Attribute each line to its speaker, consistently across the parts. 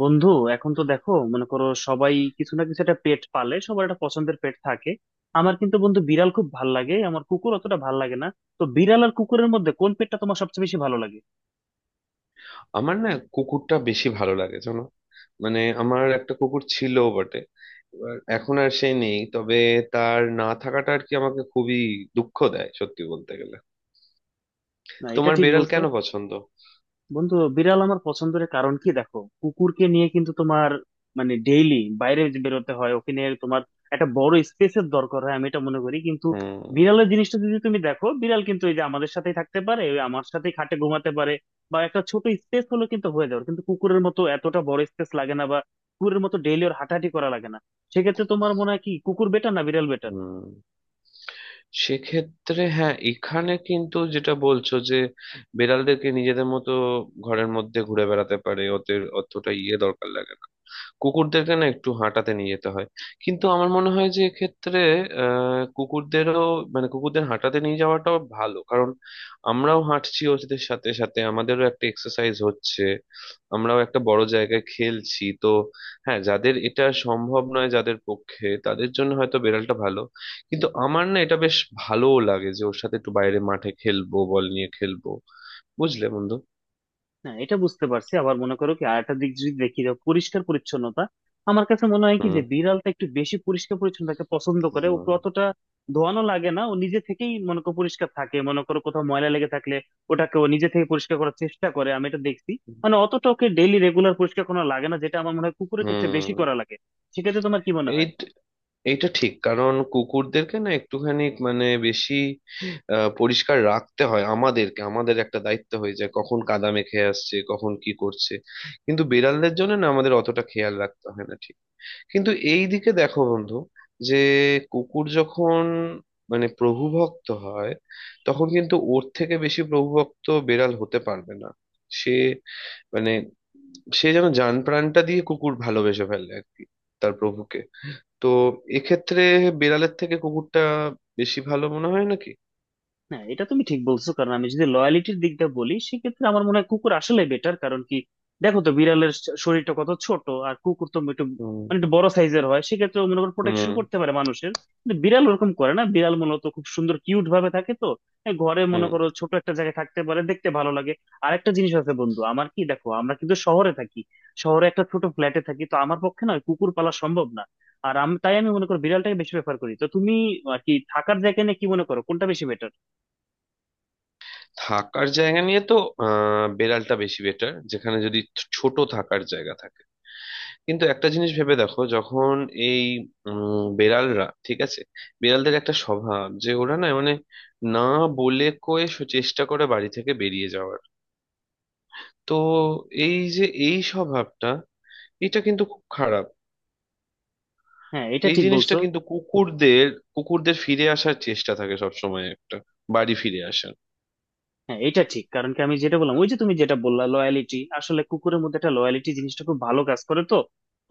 Speaker 1: বন্ধু, এখন তো দেখো, মনে করো, সবাই কিছু না কিছু একটা পেট পালে, সবার একটা পছন্দের পেট থাকে। আমার কিন্তু বন্ধু বিড়াল খুব ভাল লাগে, আমার কুকুর অতটা ভাল লাগে না। তো বিড়াল আর কুকুরের মধ্যে কোন পেটটা তোমার সবচেয়ে বেশি ভালো লাগে?
Speaker 2: আমার না কুকুরটা বেশি ভালো লাগে জানো। মানে আমার একটা কুকুর ছিল বটে, এবার এখন আর সে নেই। তবে তার না থাকাটা আর কি আমাকে খুবই দুঃখ দেয় সত্যি বলতে গেলে।
Speaker 1: না, এটা
Speaker 2: তোমার
Speaker 1: ঠিক
Speaker 2: বেড়াল
Speaker 1: বলতো।
Speaker 2: কেন পছন্দ?
Speaker 1: বন্ধু, বিড়াল আমার পছন্দের কারণ কি, দেখো কুকুরকে নিয়ে কিন্তু তোমার মানে ডেইলি বাইরে যে বেরোতে হয় ওকে নিয়ে, তোমার একটা বড় স্পেসের দরকার হয়, আমি এটা মনে করি। কিন্তু
Speaker 2: হুম।
Speaker 1: বিড়ালের জিনিসটা যদি তুমি দেখো, বিড়াল কিন্তু এই যে আমাদের সাথেই থাকতে পারে, ওই আমার সাথেই খাটে ঘুমাতে পারে, বা একটা ছোট স্পেস হলো কিন্তু হয়ে যাবে, কিন্তু কুকুরের মতো এতটা বড় স্পেস লাগে না, বা কুকুরের মতো ডেইলি ওর হাঁটাহাঁটি করা লাগে না। সেক্ষেত্রে তোমার মনে হয় কি, কুকুর বেটার না বিড়াল বেটার?
Speaker 2: হুম। সেক্ষেত্রে হ্যাঁ, এখানে কিন্তু যেটা বলছো যে বেড়ালদেরকে নিজেদের মতো ঘরের মধ্যে ঘুরে বেড়াতে পারে, ওদের অতটা ইয়ে দরকার লাগে না। কুকুরদেরকে না একটু হাঁটাতে নিয়ে যেতে হয়। কিন্তু আমার মনে হয় যে এক্ষেত্রে কুকুরদেরও, মানে কুকুরদের হাঁটাতে নিয়ে যাওয়াটাও ভালো কারণ আমরাও হাঁটছি ওদের সাথে সাথে, আমাদেরও একটা এক্সারসাইজ হচ্ছে, আমরাও একটা বড় জায়গায় খেলছি তো। হ্যাঁ, যাদের এটা সম্ভব নয় যাদের পক্ষে, তাদের জন্য হয়তো বেড়ালটা ভালো। কিন্তু আমার না এটা বেশ ভালোও লাগে যে ওর সাথে একটু বাইরে মাঠে খেলবো, বল নিয়ে খেলবো, বুঝলে বন্ধু।
Speaker 1: না, এটা বুঝতে পারছি। আবার মনে করো কি, আরেকটা দিক যদি দেখি, যে পরিষ্কার পরিচ্ছন্নতা, আমার কাছে মনে হয় কি
Speaker 2: হুম।
Speaker 1: যে বিড়ালটা একটু বেশি পরিষ্কার পরিচ্ছন্নতাকে পছন্দ করে,
Speaker 2: হুম।
Speaker 1: ওকে অতটা ধোয়ানো লাগে না, ও নিজে থেকেই মনে করো পরিষ্কার থাকে। মনে করো কোথাও ময়লা লেগে থাকলে ওটাকে ও নিজে থেকে পরিষ্কার করার চেষ্টা করে, আমি এটা দেখছি। মানে অতটা ওকে ডেইলি রেগুলার পরিষ্কার করা লাগে না, যেটা আমার মনে হয় কুকুরের ক্ষেত্রে বেশি
Speaker 2: হুম।
Speaker 1: করা লাগে। সেক্ষেত্রে তোমার কি মনে
Speaker 2: এই,
Speaker 1: হয়?
Speaker 2: এইটা ঠিক কারণ কুকুরদেরকে না একটুখানি মানে বেশি পরিষ্কার রাখতে হয়, আমাদেরকে, আমাদের একটা দায়িত্ব হয়ে যায় কখন কাদা মেখে আসছে কখন কি করছে। কিন্তু বিড়ালদের জন্য না আমাদের অতটা খেয়াল রাখতে হয় না ঠিক। কিন্তু এই দিকে দেখো বন্ধু যে কুকুর যখন মানে প্রভুভক্ত হয় তখন কিন্তু ওর থেকে বেশি প্রভুভক্ত বেড়াল হতে পারবে না। সে মানে সে যেন জান প্রাণটা দিয়ে কুকুর ভালোবেসে ফেলে আর কি, তার প্রভুকে। তো এক্ষেত্রে বেড়ালের থেকে কুকুরটা বেশি ভালো মনে হয় নাকি?
Speaker 1: না, এটা তুমি ঠিক বলছো। কারণ আমি যদি লয়ালিটির দিকটা বলি, সেক্ষেত্রে আমার মনে হয় কুকুর আসলে বেটার। কারণ কি, দেখো তো বিড়ালের শরীরটা কত ছোট, আর কুকুর তো একটু
Speaker 2: হুম।
Speaker 1: মানে একটু বড় সাইজের হয়। সেক্ষেত্রে ও মনে করো প্রোটেকশন
Speaker 2: হুম।
Speaker 1: করতে পারে মানুষের। কিন্তু বিড়াল ওরকম করে না, বিড়াল মূলত খুব সুন্দর কিউট ভাবে থাকে, তো এই ঘরে মনে
Speaker 2: হুম।
Speaker 1: করো ছোট একটা জায়গায় থাকতে পারে, দেখতে ভালো লাগে। আর একটা জিনিস আছে বন্ধু আমার, কি দেখো, আমরা কিন্তু শহরে থাকি, শহরে একটা ছোট ফ্ল্যাটে থাকি, তো আমার পক্ষে না ওই কুকুর পালা সম্ভব না। আর আমি তাই আমি মনে করি বিড়ালটাকে বেশি প্রেফার করি। তো তুমি আর কি, থাকার জায়গা নিয়ে কি মনে করো, কোনটা বেশি বেটার?
Speaker 2: থাকার জায়গা নিয়ে তো বেড়ালটা বেশি বেটার, যেখানে যদি ছোট থাকার জায়গা থাকে। কিন্তু একটা জিনিস ভেবে দেখো যখন এই বেড়ালরা ঠিক আছে, বেড়ালদের একটা স্বভাব যে ওরা না মানে না বলে কয়ে চেষ্টা করে বাড়ি থেকে বেরিয়ে যাওয়ার। তো এই যে এই স্বভাবটা এটা কিন্তু খুব খারাপ।
Speaker 1: হ্যাঁ, এটা
Speaker 2: এই
Speaker 1: ঠিক
Speaker 2: জিনিসটা
Speaker 1: বলছো।
Speaker 2: কিন্তু কুকুরদের, কুকুরদের ফিরে আসার চেষ্টা থাকে সবসময় একটা, বাড়ি ফিরে আসার।
Speaker 1: হ্যাঁ, এটা ঠিক। কারণ কি, আমি যেটা বললাম ওই যে, তুমি যেটা বললা লয়ালিটি, আসলে কুকুরের মধ্যে একটা লয়ালিটি জিনিসটা খুব ভালো কাজ করে। তো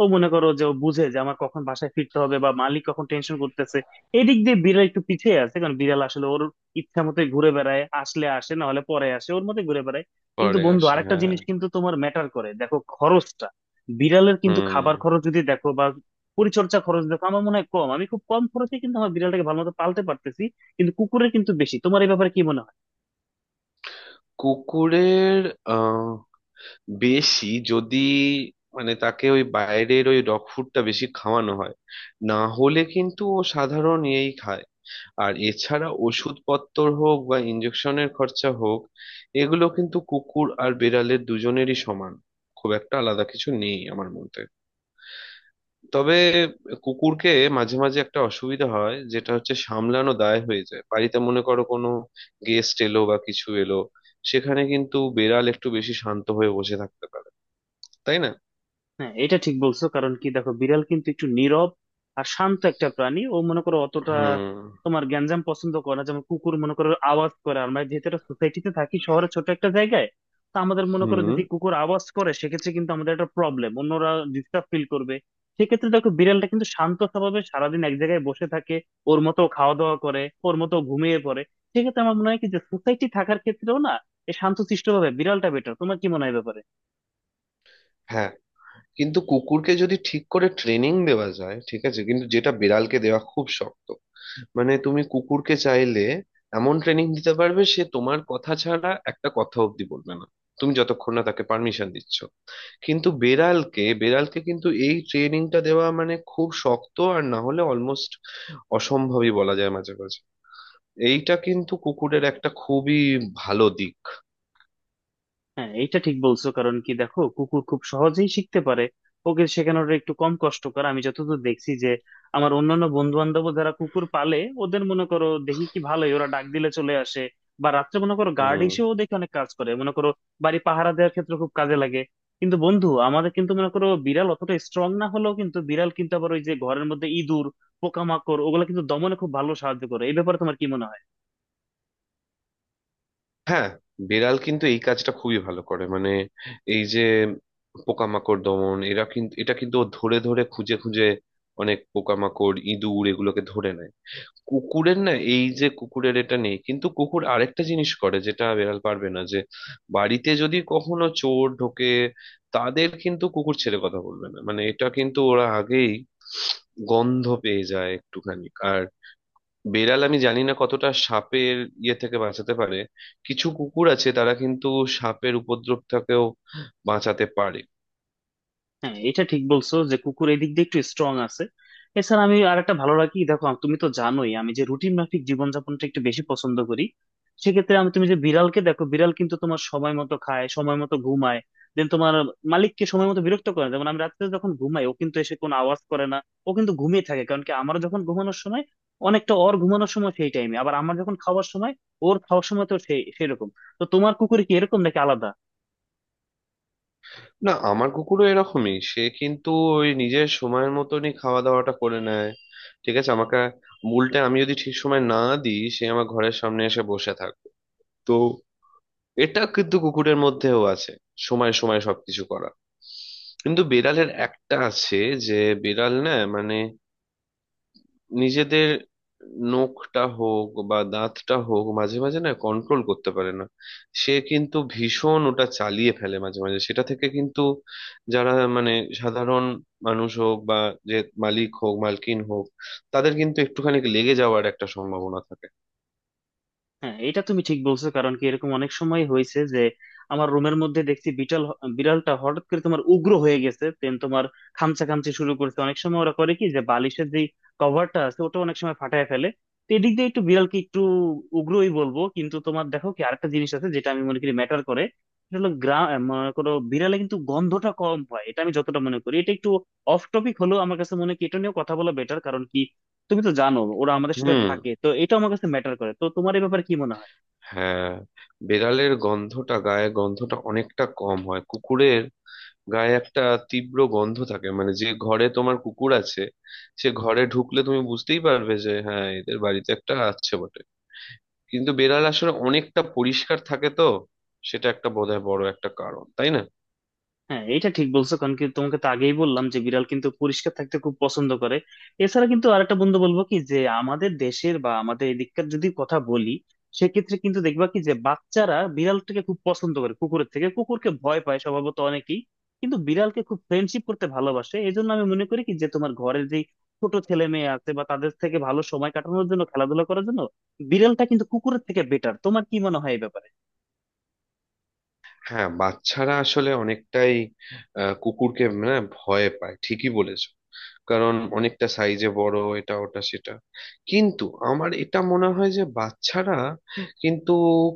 Speaker 1: ও মনে করো যে ও বুঝে যে আমার কখন বাসায় ফিরতে হবে, বা মালিক কখন টেনশন করতেছে। এদিক দিয়ে বিড়াল একটু পিছিয়ে আছে, কারণ বিড়াল আসলে ওর ইচ্ছা মতো ঘুরে বেড়ায়, আসলে আসে, না হলে পরে আসে, ওর মতো ঘুরে বেড়ায়। কিন্তু
Speaker 2: পরে
Speaker 1: বন্ধু,
Speaker 2: আসে,
Speaker 1: আরেকটা
Speaker 2: হ্যাঁ।
Speaker 1: জিনিস কিন্তু তোমার ম্যাটার করে, দেখো খরচটা। বিড়ালের কিন্তু খাবার
Speaker 2: হুম।
Speaker 1: খরচ যদি দেখো, বা পরিচর্যা খরচ দেখো, আমার মনে হয় কম। আমি খুব কম খরচে কিন্তু আমার বিড়ালটাকে ভালো মতো পালতে পারতেছি। কিন্তু কুকুরের কিন্তু বেশি। তোমার এই ব্যাপারে কি মনে হয়?
Speaker 2: কুকুরের আহ, বেশি যদি মানে তাকে ওই বাইরের ওই ডগ ফুডটা বেশি খাওয়ানো হয়, না হলে কিন্তু ও সাধারণ ইয়েই খায়। আর এছাড়া ওষুধপত্র হোক বা ইঞ্জেকশনের খরচা হোক, এগুলো কিন্তু কুকুর আর বেড়ালের দুজনেরই সমান, খুব একটা আলাদা কিছু নেই আমার মতে। তবে কুকুরকে মাঝে মাঝে একটা অসুবিধা হয় যেটা হচ্ছে সামলানো দায় হয়ে যায়, বাড়িতে মনে করো কোনো গেস্ট এলো বা কিছু এলো, সেখানে কিন্তু বেড়াল একটু বেশি শান্ত হয়ে বসে থাকতে পারে, তাই না?
Speaker 1: হ্যাঁ, এটা ঠিক বলছো। কারণ কি দেখো, বিড়াল কিন্তু একটু নীরব আর শান্ত একটা প্রাণী। ও মনে করো অতটা
Speaker 2: হুম।
Speaker 1: তোমার গ্যাঞ্জাম পছন্দ করে না, যেমন কুকুর মনে করো আওয়াজ করে। আমরা যেহেতু একটা সোসাইটিতে থাকি, শহরে ছোট একটা জায়গায়, তো আমাদের মনে করো
Speaker 2: হুম।
Speaker 1: যদি কুকুর আওয়াজ করে, সেক্ষেত্রে কিন্তু আমাদের একটা প্রবলেম, অন্যরা ডিস্টার্ব ফিল করবে। সেক্ষেত্রে দেখো বিড়ালটা কিন্তু শান্ত স্বভাবে সারাদিন এক জায়গায় বসে থাকে, ওর মতো খাওয়া দাওয়া করে, ওর মতো ঘুমিয়ে পড়ে। সেক্ষেত্রে আমার মনে হয় কি যে সোসাইটি থাকার ক্ষেত্রেও না, এই শান্তশিষ্ট ভাবে বিড়ালটা বেটার। তোমার কি মনে হয় এ ব্যাপারে?
Speaker 2: হ্যাঁ, কিন্তু কুকুরকে যদি ঠিক করে ট্রেনিং দেওয়া যায় ঠিক আছে, কিন্তু যেটা বিড়ালকে দেওয়া খুব শক্ত। মানে তুমি কুকুরকে চাইলে এমন ট্রেনিং দিতে পারবে সে তোমার কথা ছাড়া একটা কথা অব্দি বলবে না, তুমি যতক্ষণ না তাকে পারমিশন দিচ্ছ। কিন্তু বেড়ালকে বেড়ালকে কিন্তু এই ট্রেনিংটা দেওয়া মানে খুব শক্ত, আর না হলে অলমোস্ট অসম্ভবই বলা যায় মাঝে মাঝে। এইটা কিন্তু কুকুরের একটা খুবই ভালো দিক।
Speaker 1: হ্যাঁ, এটা ঠিক বলছো। কারণ কি দেখো, কুকুর খুব সহজেই শিখতে পারে, ওকে শেখানোর একটু কম কষ্টকর। আমি যতদূর দেখছি যে আমার অন্যান্য বন্ধু বান্ধব যারা কুকুর পালে, ওদের মনে করো দেখি কি ভালোই ওরা ডাক দিলে চলে আসে, বা রাত্রে মনে করো গার্ড
Speaker 2: হুম।
Speaker 1: হিসেবেও দেখে অনেক কাজ করে, মনে করো বাড়ি পাহারা দেওয়ার ক্ষেত্রে খুব কাজে লাগে। কিন্তু বন্ধু, আমাদের কিন্তু মনে করো বিড়াল অতটা স্ট্রং না হলেও, কিন্তু বিড়াল কিন্তু আবার ওই যে ঘরের মধ্যে ইঁদুর, পোকামাকড়, ওগুলো কিন্তু দমনে খুব ভালো সাহায্য করে। এই ব্যাপারে তোমার কি মনে হয়?
Speaker 2: হ্যাঁ, বেড়াল কিন্তু এই কাজটা খুবই ভালো করে, মানে এই যে পোকামাকড় দমন, এরা কিন্তু এটা কিন্তু ও ধরে ধরে খুঁজে খুঁজে অনেক পোকামাকড় ইঁদুর এগুলোকে ধরে নেয়। কুকুরের না এই যে কুকুরের এটা নেই, কিন্তু কুকুর আরেকটা জিনিস করে যেটা বেড়াল পারবে না যে বাড়িতে যদি কখনো চোর ঢোকে তাদের কিন্তু কুকুর ছেড়ে কথা বলবে না, মানে এটা কিন্তু ওরা আগেই গন্ধ পেয়ে যায় একটুখানি। আর বেড়াল আমি জানি না কতটা সাপের ইয়ে থেকে বাঁচাতে পারে, কিছু কুকুর আছে তারা কিন্তু সাপের উপদ্রব থেকেও বাঁচাতে পারে।
Speaker 1: হ্যাঁ, এটা ঠিক বলছো যে কুকুর এদিক দিয়ে একটু স্ট্রং আছে। এছাড়া আমি আর একটা ভালো রাখি, দেখো তুমি তো জানোই, আমি যে রুটিন মাফিক জীবনযাপনটা একটু বেশি পছন্দ করি। সেক্ষেত্রে আমি তুমি যে বিড়ালকে দেখো, বিড়াল কিন্তু তোমার সময় মতো খায়, সময় মতো ঘুমায়, দেন তোমার মালিককে সময় মতো বিরক্ত করে না। যেমন আমি রাত্রে যখন ঘুমাই, ও কিন্তু এসে কোনো আওয়াজ করে না, ও কিন্তু ঘুমিয়ে থাকে। কারণ কি, আমারও যখন ঘুমানোর সময়, অনেকটা ওর ঘুমানোর সময় সেই টাইমে, আবার আমার যখন খাওয়ার সময়, ওর খাওয়ার সময়, তো সেই সেরকম। তো তোমার কুকুর কি এরকম নাকি আলাদা?
Speaker 2: না, আমার কুকুরও এরকমই, সে কিন্তু ওই নিজের সময়ের মতনই খাওয়া দাওয়াটা করে নেয় ঠিক আছে। আমাকে, উল্টে আমি যদি ঠিক সময় না দিই সে আমার ঘরের সামনে এসে বসে থাকবে। তো এটা কিন্তু কুকুরের মধ্যেও আছে, সময় সময় সবকিছু করা। কিন্তু বিড়ালের একটা আছে যে বিড়াল না মানে নিজেদের নখটা হোক বা দাঁতটা হোক মাঝে মাঝে না কন্ট্রোল করতে পারে না, সে কিন্তু ভীষণ ওটা চালিয়ে ফেলে মাঝে মাঝে, সেটা থেকে কিন্তু যারা মানে সাধারণ মানুষ হোক বা যে মালিক হোক মালকিন হোক, তাদের কিন্তু একটুখানি লেগে যাওয়ার একটা সম্ভাবনা থাকে।
Speaker 1: হ্যাঁ, এটা তুমি ঠিক বলছো। কারণ কি, এরকম অনেক সময় হয়েছে যে আমার রুমের মধ্যে দেখছি বিড়াল, বিড়ালটা হঠাৎ করে তোমার উগ্র হয়ে গেছে, দেন তোমার খামচা খামচি শুরু করছে। অনেক সময় ওরা করে কি যে বালিশের যে কভারটা আছে ওটা অনেক সময় ফাটায় ফেলে। তো এদিক দিয়ে একটু বিড়ালকে একটু উগ্রই বলবো। কিন্তু তোমার দেখো কি, আরেকটা জিনিস আছে যেটা আমি মনে করি ম্যাটার করে, সেটা হলো গ্রাম। মনে করো বিড়ালে কিন্তু গন্ধটা কম হয়, এটা আমি যতটা মনে করি, এটা একটু অফ টপিক হলেও আমার কাছে মনে হয় কি, এটা নিয়েও কথা বলা বেটার। কারণ কি, তুমি তো জানো ওরা আমাদের সাথে
Speaker 2: হুম।
Speaker 1: থাকে, তো এটা আমার কাছে ম্যাটার করে। তো তোমার এই ব্যাপারে কি মনে হয়?
Speaker 2: হ্যাঁ, বেড়ালের গন্ধটা গায়ে, গন্ধটা অনেকটা কম হয়, কুকুরের গায়ে একটা তীব্র গন্ধ থাকে। মানে যে ঘরে তোমার কুকুর আছে সে ঘরে ঢুকলে তুমি বুঝতেই পারবে যে হ্যাঁ এদের বাড়িতে একটা আছে বটে। কিন্তু বেড়াল আসলে অনেকটা পরিষ্কার থাকে তো, সেটা একটা বোধহয় বড় একটা কারণ, তাই না?
Speaker 1: হ্যাঁ, এটা ঠিক বলছো। কারণ কি, তোমাকে তো আগেই বললাম যে বিড়াল কিন্তু পরিষ্কার থাকতে খুব পছন্দ করে। এছাড়া কিন্তু আরেকটা বন্ধু বলবো কি, যে আমাদের দেশের বা আমাদের এদিককার যদি কথা বলি, সেক্ষেত্রে কিন্তু দেখবা কি যে বাচ্চারা বিড়ালটাকে খুব পছন্দ করে কুকুরের থেকে, কুকুরকে ভয় পায় স্বভাবত অনেকেই। কিন্তু বিড়ালকে খুব ফ্রেন্ডশিপ করতে ভালোবাসে। এই জন্য আমি মনে করি কি যে তোমার ঘরের যে ছোট ছেলে মেয়ে আছে, বা তাদের থেকে ভালো সময় কাটানোর জন্য, খেলাধুলা করার জন্য বিড়ালটা কিন্তু কুকুরের থেকে বেটার। তোমার কি মনে হয় এই ব্যাপারে?
Speaker 2: হ্যাঁ, বাচ্চারা আসলে অনেকটাই কুকুরকে না ভয় পায় ঠিকই বলেছো, কারণ অনেকটা সাইজে বড় এটা ওটা সেটা। কিন্তু আমার এটা মনে হয় যে বাচ্চারা কিন্তু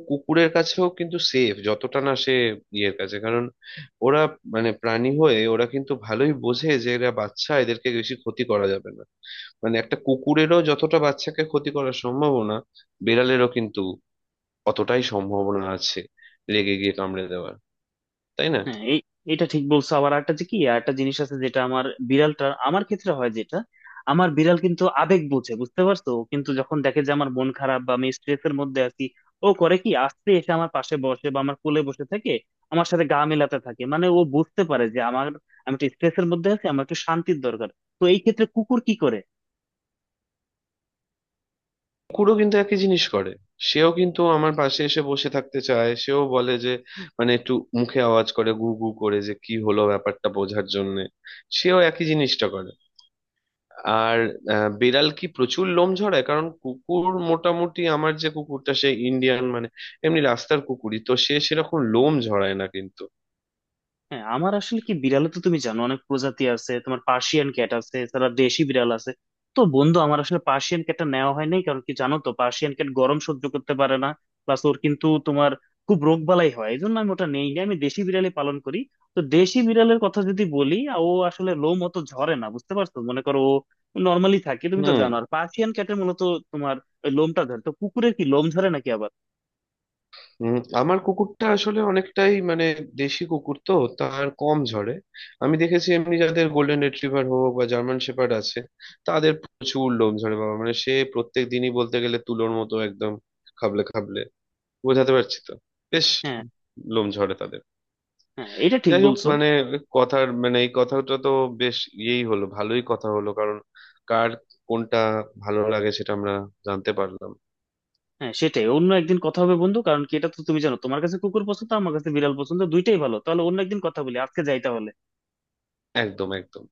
Speaker 2: কুকুরের কাছেও কিন্তু সেফ, যতটা না সে ইয়ের কাছে, কারণ ওরা মানে প্রাণী হয়ে ওরা কিন্তু ভালোই বোঝে যে এরা বাচ্চা এদেরকে বেশি ক্ষতি করা যাবে না। মানে একটা কুকুরেরও যতটা বাচ্চাকে ক্ষতি করার সম্ভাবনা, বিড়ালেরও কিন্তু অতটাই সম্ভাবনা আছে রেগে গিয়ে কামড়ে দেওয়ার, তাই না?
Speaker 1: হ্যাঁ এই এটা ঠিক বলছো। আবার একটা যে কি একটা জিনিস আছে যেটা আমার বিড়ালটা আমার ক্ষেত্রে হয়, যেটা আমার বিড়াল কিন্তু আবেগ বোঝে, বুঝতে পারছো? ও কিন্তু যখন দেখে যে আমার মন খারাপ বা আমি স্ট্রেসের মধ্যে আছি, ও করে কি আস্তে এসে আমার পাশে বসে বা আমার কোলে বসে থেকে আমার সাথে গা মেলাতে থাকে। মানে ও বুঝতে পারে যে আমি একটু স্ট্রেসের মধ্যে আছি, আমার একটু শান্তির দরকার। তো এই ক্ষেত্রে কুকুর কি করে?
Speaker 2: কুকুরও কিন্তু একই জিনিস করে, সেও কিন্তু আমার পাশে এসে বসে থাকতে চায়, সেও বলে যে মানে একটু মুখে আওয়াজ করে গু গু করে যে কি হলো ব্যাপারটা বোঝার জন্য। সেও একই জিনিসটা করে। আর বেড়াল কি প্রচুর লোম ঝরায়? কারণ কুকুর মোটামুটি, আমার যে কুকুরটা সে ইন্ডিয়ান মানে এমনি রাস্তার কুকুরই তো, সে সেরকম লোম ঝরায় না কিন্তু।
Speaker 1: হ্যাঁ, আমার আসলে কি, বিড়ালে তো তুমি জানো অনেক প্রজাতি আছে, তোমার পার্সিয়ান ক্যাট আছে, এছাড়া দেশি বিড়াল আছে। তো বন্ধু আমার আসলে পার্সিয়ান ক্যাটটা নেওয়া হয় নাই, কারণ কি জানো তো, পার্সিয়ান ক্যাট গরম সহ্য করতে পারে না, প্লাস ওর কিন্তু তোমার খুব রোগ বালাই হয়। এই জন্য আমি ওটা নেই নি। আমি দেশি বিড়ালই পালন করি। তো দেশি বিড়ালের কথা যদি বলি, ও আসলে লোম অত ঝরে না, বুঝতে পারছো? মনে করো ও নর্মালি থাকে, তুমি তো
Speaker 2: হুম।
Speaker 1: জানো। আর পার্সিয়ান ক্যাটের মূলত তোমার ওই লোমটা ঝরে। তো কুকুরের কি লোম ঝরে নাকি আবার?
Speaker 2: আমার কুকুরটা আসলে অনেকটাই মানে দেশি কুকুর তো, তার কম ঝরে। আমি দেখেছি এমনি যাদের গোল্ডেন রিট্রিভার হোক বা জার্মান শেপার্ড আছে তাদের প্রচুর লোম ঝরে বাবা, মানে সে প্রত্যেক দিনই বলতে গেলে তুলোর মতো একদম, খাবলে খাবলে, বোঝাতে পারছি তো? বেশ
Speaker 1: হ্যাঁ।
Speaker 2: লোম ঝরে তাদের।
Speaker 1: হ্যাঁ, এটা ঠিক
Speaker 2: যাই হোক
Speaker 1: বলছো।
Speaker 2: মানে, কথার মানে এই কথাটা তো বেশ ইয়েই হলো, ভালোই কথা হলো কারণ কার, কোনটা ভালো লাগে সেটা আমরা জানতে পারলাম।
Speaker 1: হ্যাঁ, সেটাই, অন্য একদিন কথা হবে বন্ধু। কারণ কি, এটা তো তুমি জানো তোমার কাছে কুকুর পছন্দ, আমার কাছে বিড়াল পছন্দ, দুইটাই ভালো। তাহলে অন্য একদিন কথা বলি, আজকে যাই তাহলে।
Speaker 2: একদম একদম।